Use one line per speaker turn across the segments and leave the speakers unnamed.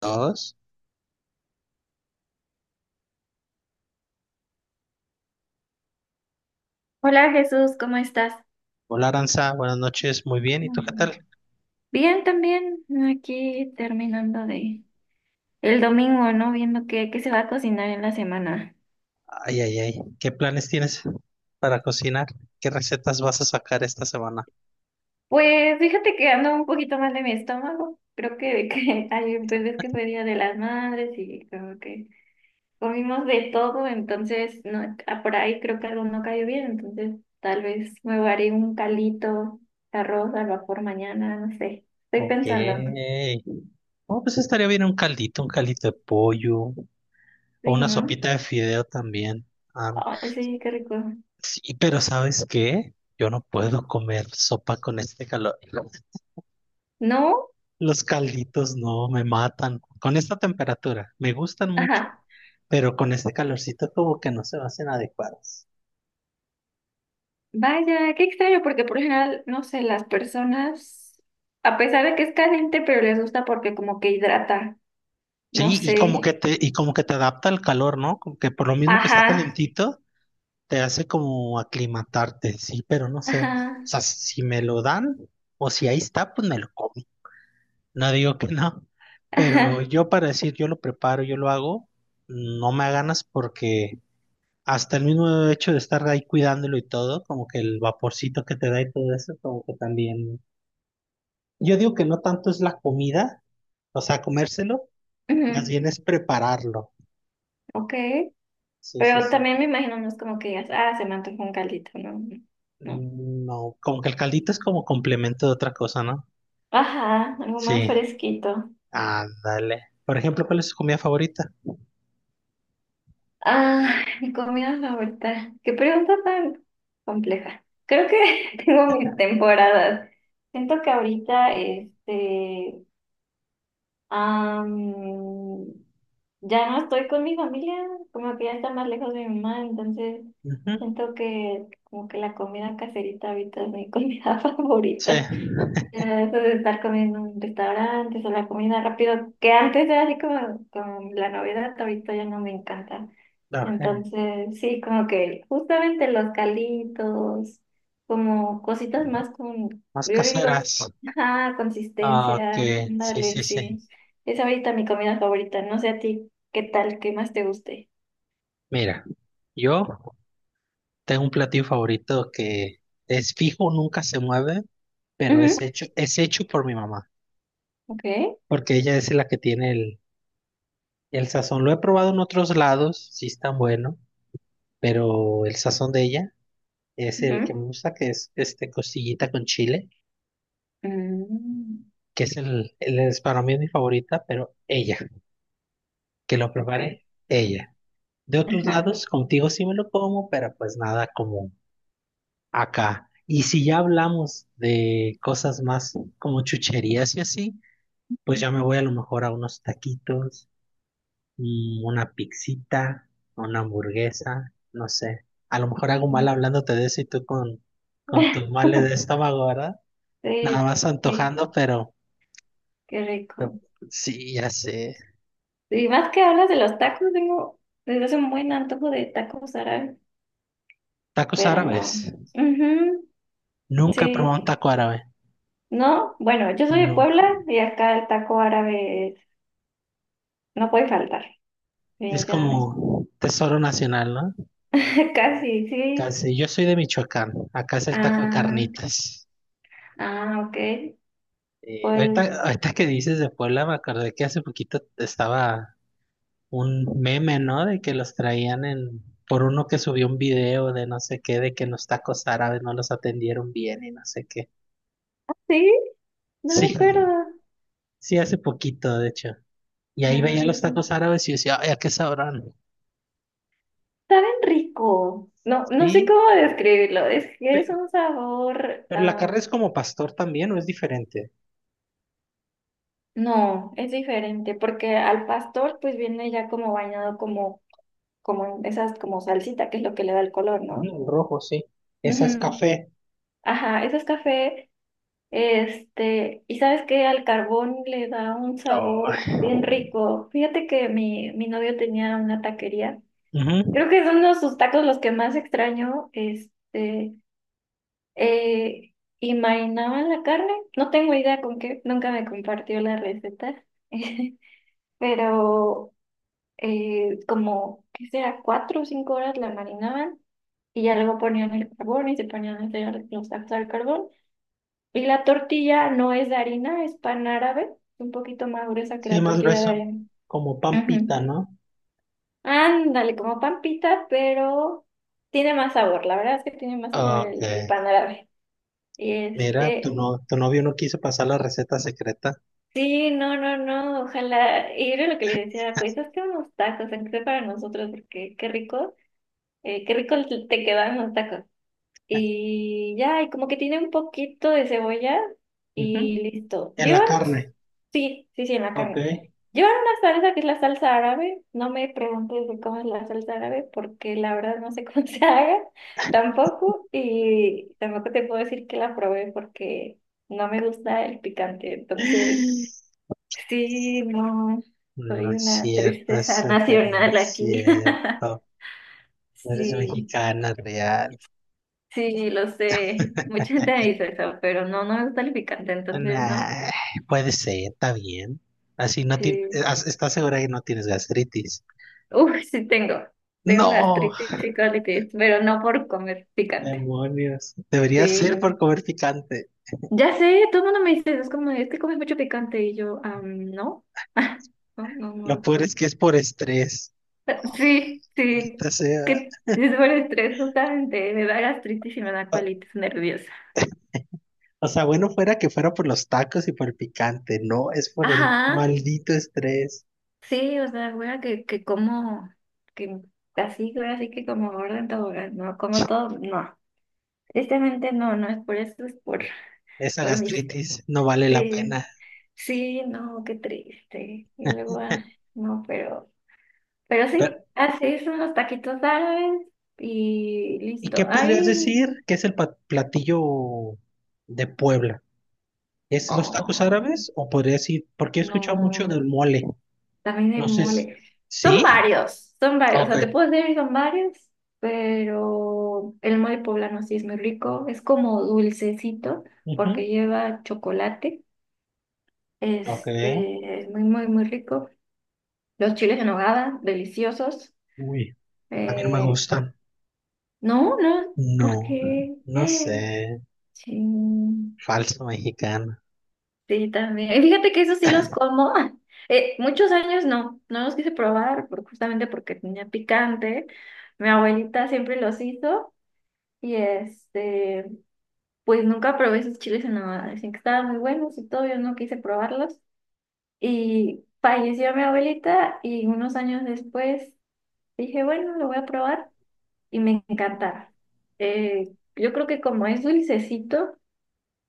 Dos.
Hola Jesús, ¿cómo estás?
Hola Aranza, buenas noches, muy bien. ¿Y tú qué
Mm.
tal?
Bien, también aquí terminando de el domingo, ¿no? Viendo qué se va a cocinar en la semana.
Ay, ay, ay. ¿Qué planes tienes para cocinar? ¿Qué recetas vas a sacar esta semana?
Pues fíjate que ando un poquito mal de mi estómago. Creo que ayer, pues ves que fue Día de las Madres y como que comimos de todo, entonces no, por ahí creo que algo no cayó bien, entonces tal vez me haré un calito, arroz al vapor mañana, no sé. Estoy
Ok.
pensando.
Oh, pues estaría bien un caldito de pollo o
Sí,
una
¿no?
sopita de fideo también. Ah,
Ay, sí, qué rico.
sí, pero ¿sabes qué? Yo no puedo comer sopa con este calor.
¿No?
Los calditos no me matan. Con esta temperatura, me gustan mucho,
Ajá.
pero con este calorcito como que no se me hacen adecuados.
Vaya, qué extraño, porque por lo general, no sé, las personas, a pesar de que es caliente, pero les gusta porque como que hidrata, no
Sí, y como que
sé.
te, y como que te adapta al calor, ¿no? Como que por lo mismo que está
Ajá,
calentito, te hace como aclimatarte, sí, pero no sé. O
ajá,
sea, si me lo dan, o si ahí está, pues me lo como. No digo que no. Pero
ajá.
yo para decir yo lo preparo, yo lo hago, no me da ganas porque hasta el mismo hecho de estar ahí cuidándolo y todo, como que el vaporcito que te da y todo eso, como que también. Yo digo que no tanto es la comida, o sea, comérselo, más
Ujú,
bien es prepararlo.
ok.
Sí, sí,
Pero
sí.
también me imagino, no es como que digas, ah, se me antojó un caldito, no, no.
No, como que el caldito es como complemento de otra cosa, ¿no?
Ajá, algo más
Sí,
fresquito.
ándale. Por ejemplo, ¿cuál es su comida favorita?
Ah, mi comida favorita. Qué pregunta tan compleja. Creo que tengo mis temporadas. Siento que ahorita, este. Am, ya no estoy con mi familia, como que ya está más lejos de mi mamá, entonces
Ujú,
siento que como que la comida caserita ahorita es mi comida
sí,
favorita. Ah, eso de estar comiendo en restaurantes o la comida rápido, que antes era así como, como la novedad, ahorita ya no me encanta.
ok,
Entonces, sí, como que justamente los calitos, como cositas más con, yo
más
le digo,
caseras.
ah,
Ah, ok,
consistencia,
sí,
dale,
sí, sí.
sí. Es ahorita mi comida favorita, no sé a ti, ¿qué tal? ¿Qué más te guste?
Mira, yo tengo un platillo favorito que es fijo, nunca se mueve, pero
Ujú,
es hecho por mi mamá,
ok.
porque ella es la que tiene el sazón. Lo he probado en otros lados, sí es tan bueno, pero el sazón de ella. Es el que
Ujú,
me gusta, que es este costillita con chile,
mm,
que es el es para mí es mi favorita, pero ella, que lo
ok.
prepare ella. De otros
Ajá.
lados, contigo sí me lo como, pero pues nada como acá. Y si ya hablamos de cosas más como chucherías y así, pues ya me voy a lo mejor a unos taquitos, una pixita, una hamburguesa, no sé. A lo mejor hago mal hablándote de eso y tú con tus males de estómago, ¿verdad? Nada más
Sí,
antojando, pero
qué rico.
sí, ya sé.
Y más que hablas de los tacos, tengo desde hace un buen antojo de tacos árabes,
Tacos
pero no.
árabes.
Ujú,
Nunca he probado un
sí.
taco árabe.
No, bueno, yo soy de Puebla
Nunca.
y acá el taco árabe no puede faltar,
Es
definitivamente.
como tesoro nacional, ¿no?
Casi, sí.
Casi. Yo soy de Michoacán. Acá es el taco de
Ah,
carnitas.
ah, ok.
Eh,
Pues
ahorita, ahorita que dices de Puebla, me acordé que hace poquito estaba un meme, ¿no? De que los traían en... por uno que subió un video de no sé qué, de que los tacos árabes no los atendieron bien y no sé qué.
sí, no me
Sí,
acuerdo.
sí, hace poquito, de hecho. Y ahí
Ah,
veía los tacos árabes y yo decía, ay, ¿a qué sabrán?
saben rico. No, no sé
Sí,
cómo describirlo. Es que es
Pe-
un sabor.
Pero la carne es como pastor también, ¿o es diferente?
No, es diferente, porque al pastor pues viene ya como bañado como, como en esas como salsita, que es lo que le da el color, ¿no?
Ujú, el rojo, sí. Esa es
Ujú.
café.
Ajá, eso es café, este, y sabes que al carbón le da un
Oh.
sabor bien rico. Fíjate que mi novio tenía una taquería.
Ujú.
Creo que son uno de sus tacos los que más extraño, este, eh, y marinaban la carne. No tengo idea con qué, nunca me compartió la receta. Pero como, ¿qué será? 4 o 5 horas la marinaban y ya luego ponían el carbón y se ponían a hacer los tacos al carbón. Y la tortilla no es de harina, es pan árabe, un poquito más gruesa que
Sí,
la
más
tortilla de
grueso.
harina.
Como pampita,
Ujú.
¿no?
Ándale, como pan pita, pero tiene más sabor, la verdad es que tiene más sabor
Ok.
el pan árabe. Y
Mira, tu,
este,
no, tu novio no quiso pasar la receta secreta.
sí, no, no, no, ojalá, y era lo que le decía, pues hazte unos tacos, aunque sea para nosotros, porque qué rico te quedan los tacos. Y ya, y como que tiene un poquito de cebolla y
Ujú.
listo.
En la
Llevan,
carne.
sí, sí, sí, en la
Ok.
carne. Llevan una salsa que es la salsa árabe. No me preguntes de cómo es la salsa árabe porque la verdad no sé cómo se haga tampoco. Y tampoco te puedo decir que la probé porque no me gusta el picante. Entonces, sí, no,
No
soy
es
una
cierto,
tristeza
eso que no
nacional
es
aquí.
cierto. No eres
Sí.
mexicana real.
Sí, lo sé. Mucha gente me dice eso, pero no, no me gusta el picante, entonces no.
Nah, puede ser, está bien. Así no ti-
Sí.
as- ¿Estás segura que no tienes gastritis?
Uf, sí tengo. Tengo
No,
gastritis y colitis, pero no por comer picante.
demonios. Debería ser
Sí.
por comer picante.
Ya sé, todo el mundo me dice, es como, es que comes mucho picante y yo, ah, no. No, no,
Lo
no.
peor es que es por estrés.
Sí, sí.
Ahorita sea.
Que es por estrés, justamente. Me da gastritis y me da
O
colitis nerviosa.
o sea, bueno fuera que fuera por los tacos y por el picante. No, es por el
Ajá.
maldito estrés.
Sí, o sea, güey, que como, que así, güey, así que como gorda en tobogán, no, como todo, no. Tristemente no, no es por eso, es
Esa
por mis,
gastritis no vale la
sí,
pena.
sí, no, qué triste. Y luego, ah, no, pero,
Pero,
sí, así son los taquitos árabes y
¿y qué
listo.
podrías
Ay,
decir que es el platillo de Puebla? ¿Es los tacos
oh,
árabes? O podría decir, porque he escuchado mucho
no.
del mole.
También
No
el
sé.
mole. Son
¿Sí?
varios, son varios. O
Ok.
sea, te puedo decir son varios, pero el mole poblano sí es muy rico. Es como dulcecito porque
Ujú.
lleva chocolate.
Ok.
Este, es muy, muy, muy rico. Los chiles en nogada, deliciosos.
Uy, a mí no me
Eh,
gusta.
no, no,
No,
porque...
no sé,
Sí.
falso mexicano.
Sí, también. Y fíjate que esos sí los como. Muchos años no, no los quise probar justamente porque tenía picante. Mi abuelita siempre los hizo y este, pues nunca probé esos chiles en nogada. Decían que estaban muy buenos y todo, yo no quise probarlos. Y falleció mi abuelita y unos años después dije, bueno, lo voy a probar y me encantaron. Yo creo que como es dulcecito,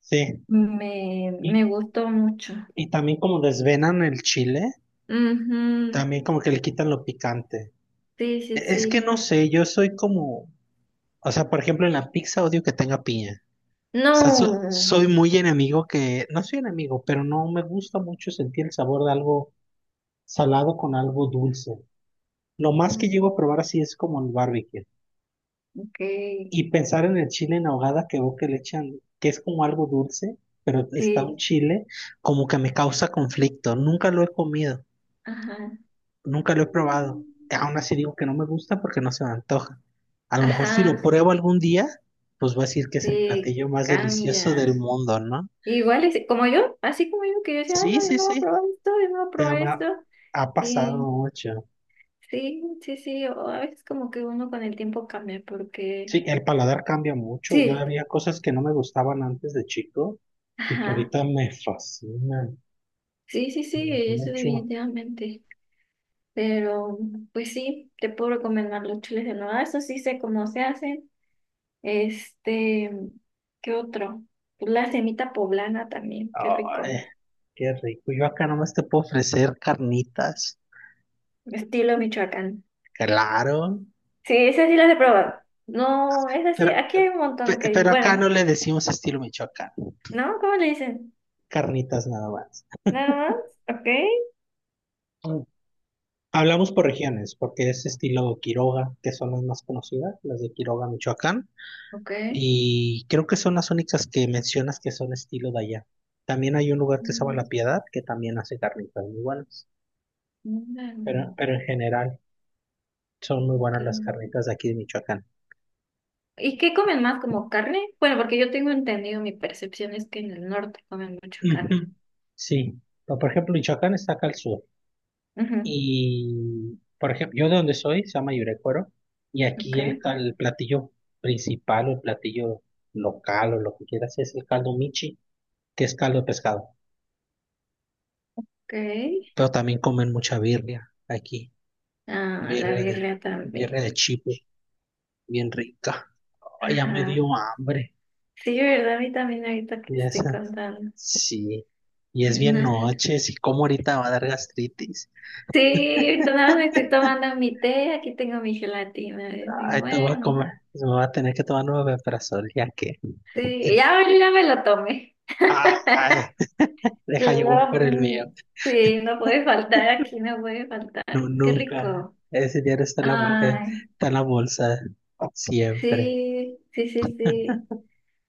Sí,
me
y,
gustó mucho.
y también como desvenan el chile,
Ujú.
también como que le quitan lo picante.
Sí, sí,
Es que
sí.
no sé, yo soy como, o sea, por ejemplo, en la pizza odio que tenga piña. O sea,
No.
soy muy enemigo que, no soy enemigo, pero no me gusta mucho sentir el sabor de algo salado con algo dulce. Lo más que
No.
llego a probar así es como el barbecue.
Ok.
Y pensar en el chile en ahogada que veo que le echan, que es como algo dulce, pero está un
Sí.
chile, como que me causa conflicto. Nunca lo he comido,
Ajá.
nunca lo he probado. Aún así digo que no me gusta porque no se me antoja. A lo mejor si lo
Ajá.
pruebo algún día, pues voy a decir que es el
Sí,
platillo más delicioso
cambia.
del mundo, ¿no?
Igual es como yo, así como yo, que yo decía, "Ay,
Sí,
no, yo
sí,
no voy a
sí.
probar esto, yo no voy a
Te
probar esto."
ama- Ha pasado
Y
mucho.
sí, sí, sí. O a veces como que uno con el tiempo cambia porque
Sí, el paladar cambia mucho. Yo
sí.
había cosas que no me gustaban antes de chico y que
Ajá.
ahorita me fascinan
Sí, sí, sí, eso
mucho.
definitivamente. Pero, pues sí, te puedo recomendar los chiles de nuevo. Eso sí sé cómo se hacen. Este, ¿qué otro? Pues la semita poblana también, qué rico.
Ay, qué rico. Yo acá nomás te puedo ofrecer carnitas.
Estilo Michoacán.
Claro.
Sí, esas sí las he probado. No, es
Pero,
así. Aquí hay un montón que dicen.
pero acá
Bueno,
no le decimos estilo Michoacán.
¿no? ¿Cómo le dicen?
Carnitas nada más.
Nada más. Ok.
Mm. Hablamos por regiones, porque es estilo Quiroga, que son las más conocidas, las de Quiroga, Michoacán.
Ok.
Y creo que son las únicas que mencionas que son estilo de allá. También hay un lugar que se llama
Mm,
La Piedad, que también hace carnitas muy buenas.
ándale,
Pero en general son muy
ok.
buenas las carnitas de aquí de Michoacán.
¿Y qué comen más? ¿Como carne? Bueno, porque yo tengo entendido, mi percepción es que en el norte comen mucha carne.
Ujú, sí, pero, por ejemplo, Michoacán está acá al sur.
Ujú,
Y, por ejemplo, yo de donde soy, se llama Yurecuero, y aquí
ok.
el platillo principal o el platillo local o lo que quieras es el caldo michi, que es caldo de pescado.
Ok.
Pero también comen mucha birria aquí,
Ah, la
birria de,
birria
birria
también.
de chivo, bien rica. Ay, ya me dio
Ajá.
hambre.
Sí, ¿verdad? A mí también ahorita que
Y
te estoy
esa,
contando.
sí, y es
Es
bien
na-
noche, si como ahorita va a dar gastritis.
Sí, ahorita nada más me estoy tomando mi té, aquí tengo mi gelatina. Digo,
Ay, te voy a
bueno,
comer. Me voy a tener que tomar nueve omeprazol, ya que.
sí, ya, ya me lo tomé.
Ay, deja yo voy
Lo-
por el mío.
mm, sí, no puede faltar aquí, no puede faltar.
No,
Qué
nunca.
rico.
Ese dinero está en
Ay,
está en la bolsa. Siempre.
sí, sí, sí, sí.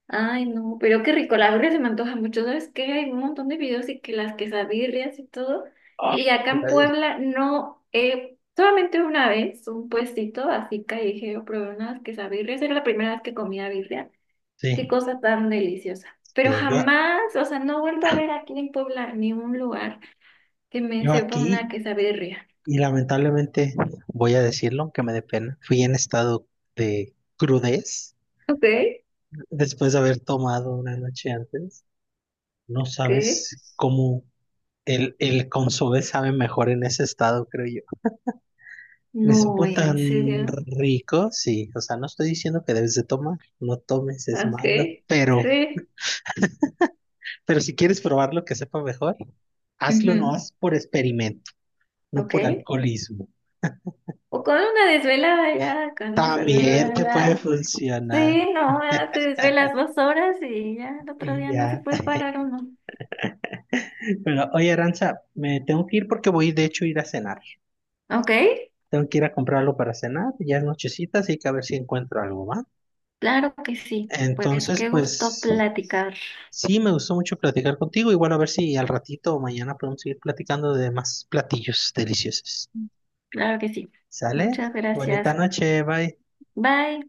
Ay, no, pero qué rico, la birria se me antoja mucho. ¿Sabes qué? Hay un montón de videos y que las quesabirrias y todo.
Ay,
Y acá en Puebla no, solamente una vez, un puestito así callejero, probé unas quesabirrias. Era la primera vez que comía birria. Qué
sí,
cosa tan deliciosa. Pero
sí. Yo,
jamás, o sea, no he vuelto a ver aquí en Puebla ni un lugar que me
yo
sepa una
aquí,
quesabirria.
y lamentablemente voy a decirlo, aunque me dé pena, fui en estado de crudez
Ok,
después de haber tomado una noche antes. No
¿qué?
sabes cómo el consomé sabe mejor en ese estado, creo. Me
No,
supo tan
en serio.
rico, sí. O sea, no estoy diciendo que debes de tomar, no tomes, es
Ok,
malo,
sí.
pero si quieres probar lo que sepa mejor, hazlo no
Ujú,
haz por experimento, no por
ok.
alcoholismo.
O con una desvelada ya, con eso, la
También te puede
verdad.
funcionar
Sí, no, ya te desvelas 2 horas y ya el otro
y
día no se
ya.
puede parar uno.
Pero oye, Aranza, me tengo que ir porque voy de hecho a ir a cenar.
¿Ok?
Tengo que ir a comprar algo para cenar, ya es nochecita, así que a ver si encuentro algo, ¿va?
Claro que sí. Pues
Entonces,
qué gusto
pues
platicar.
sí, me gustó mucho platicar contigo y bueno, a ver si al ratito o mañana podemos seguir platicando de más platillos deliciosos.
Claro que sí.
¿Sale?
Muchas
Bonita
gracias.
noche, bye.
Bye.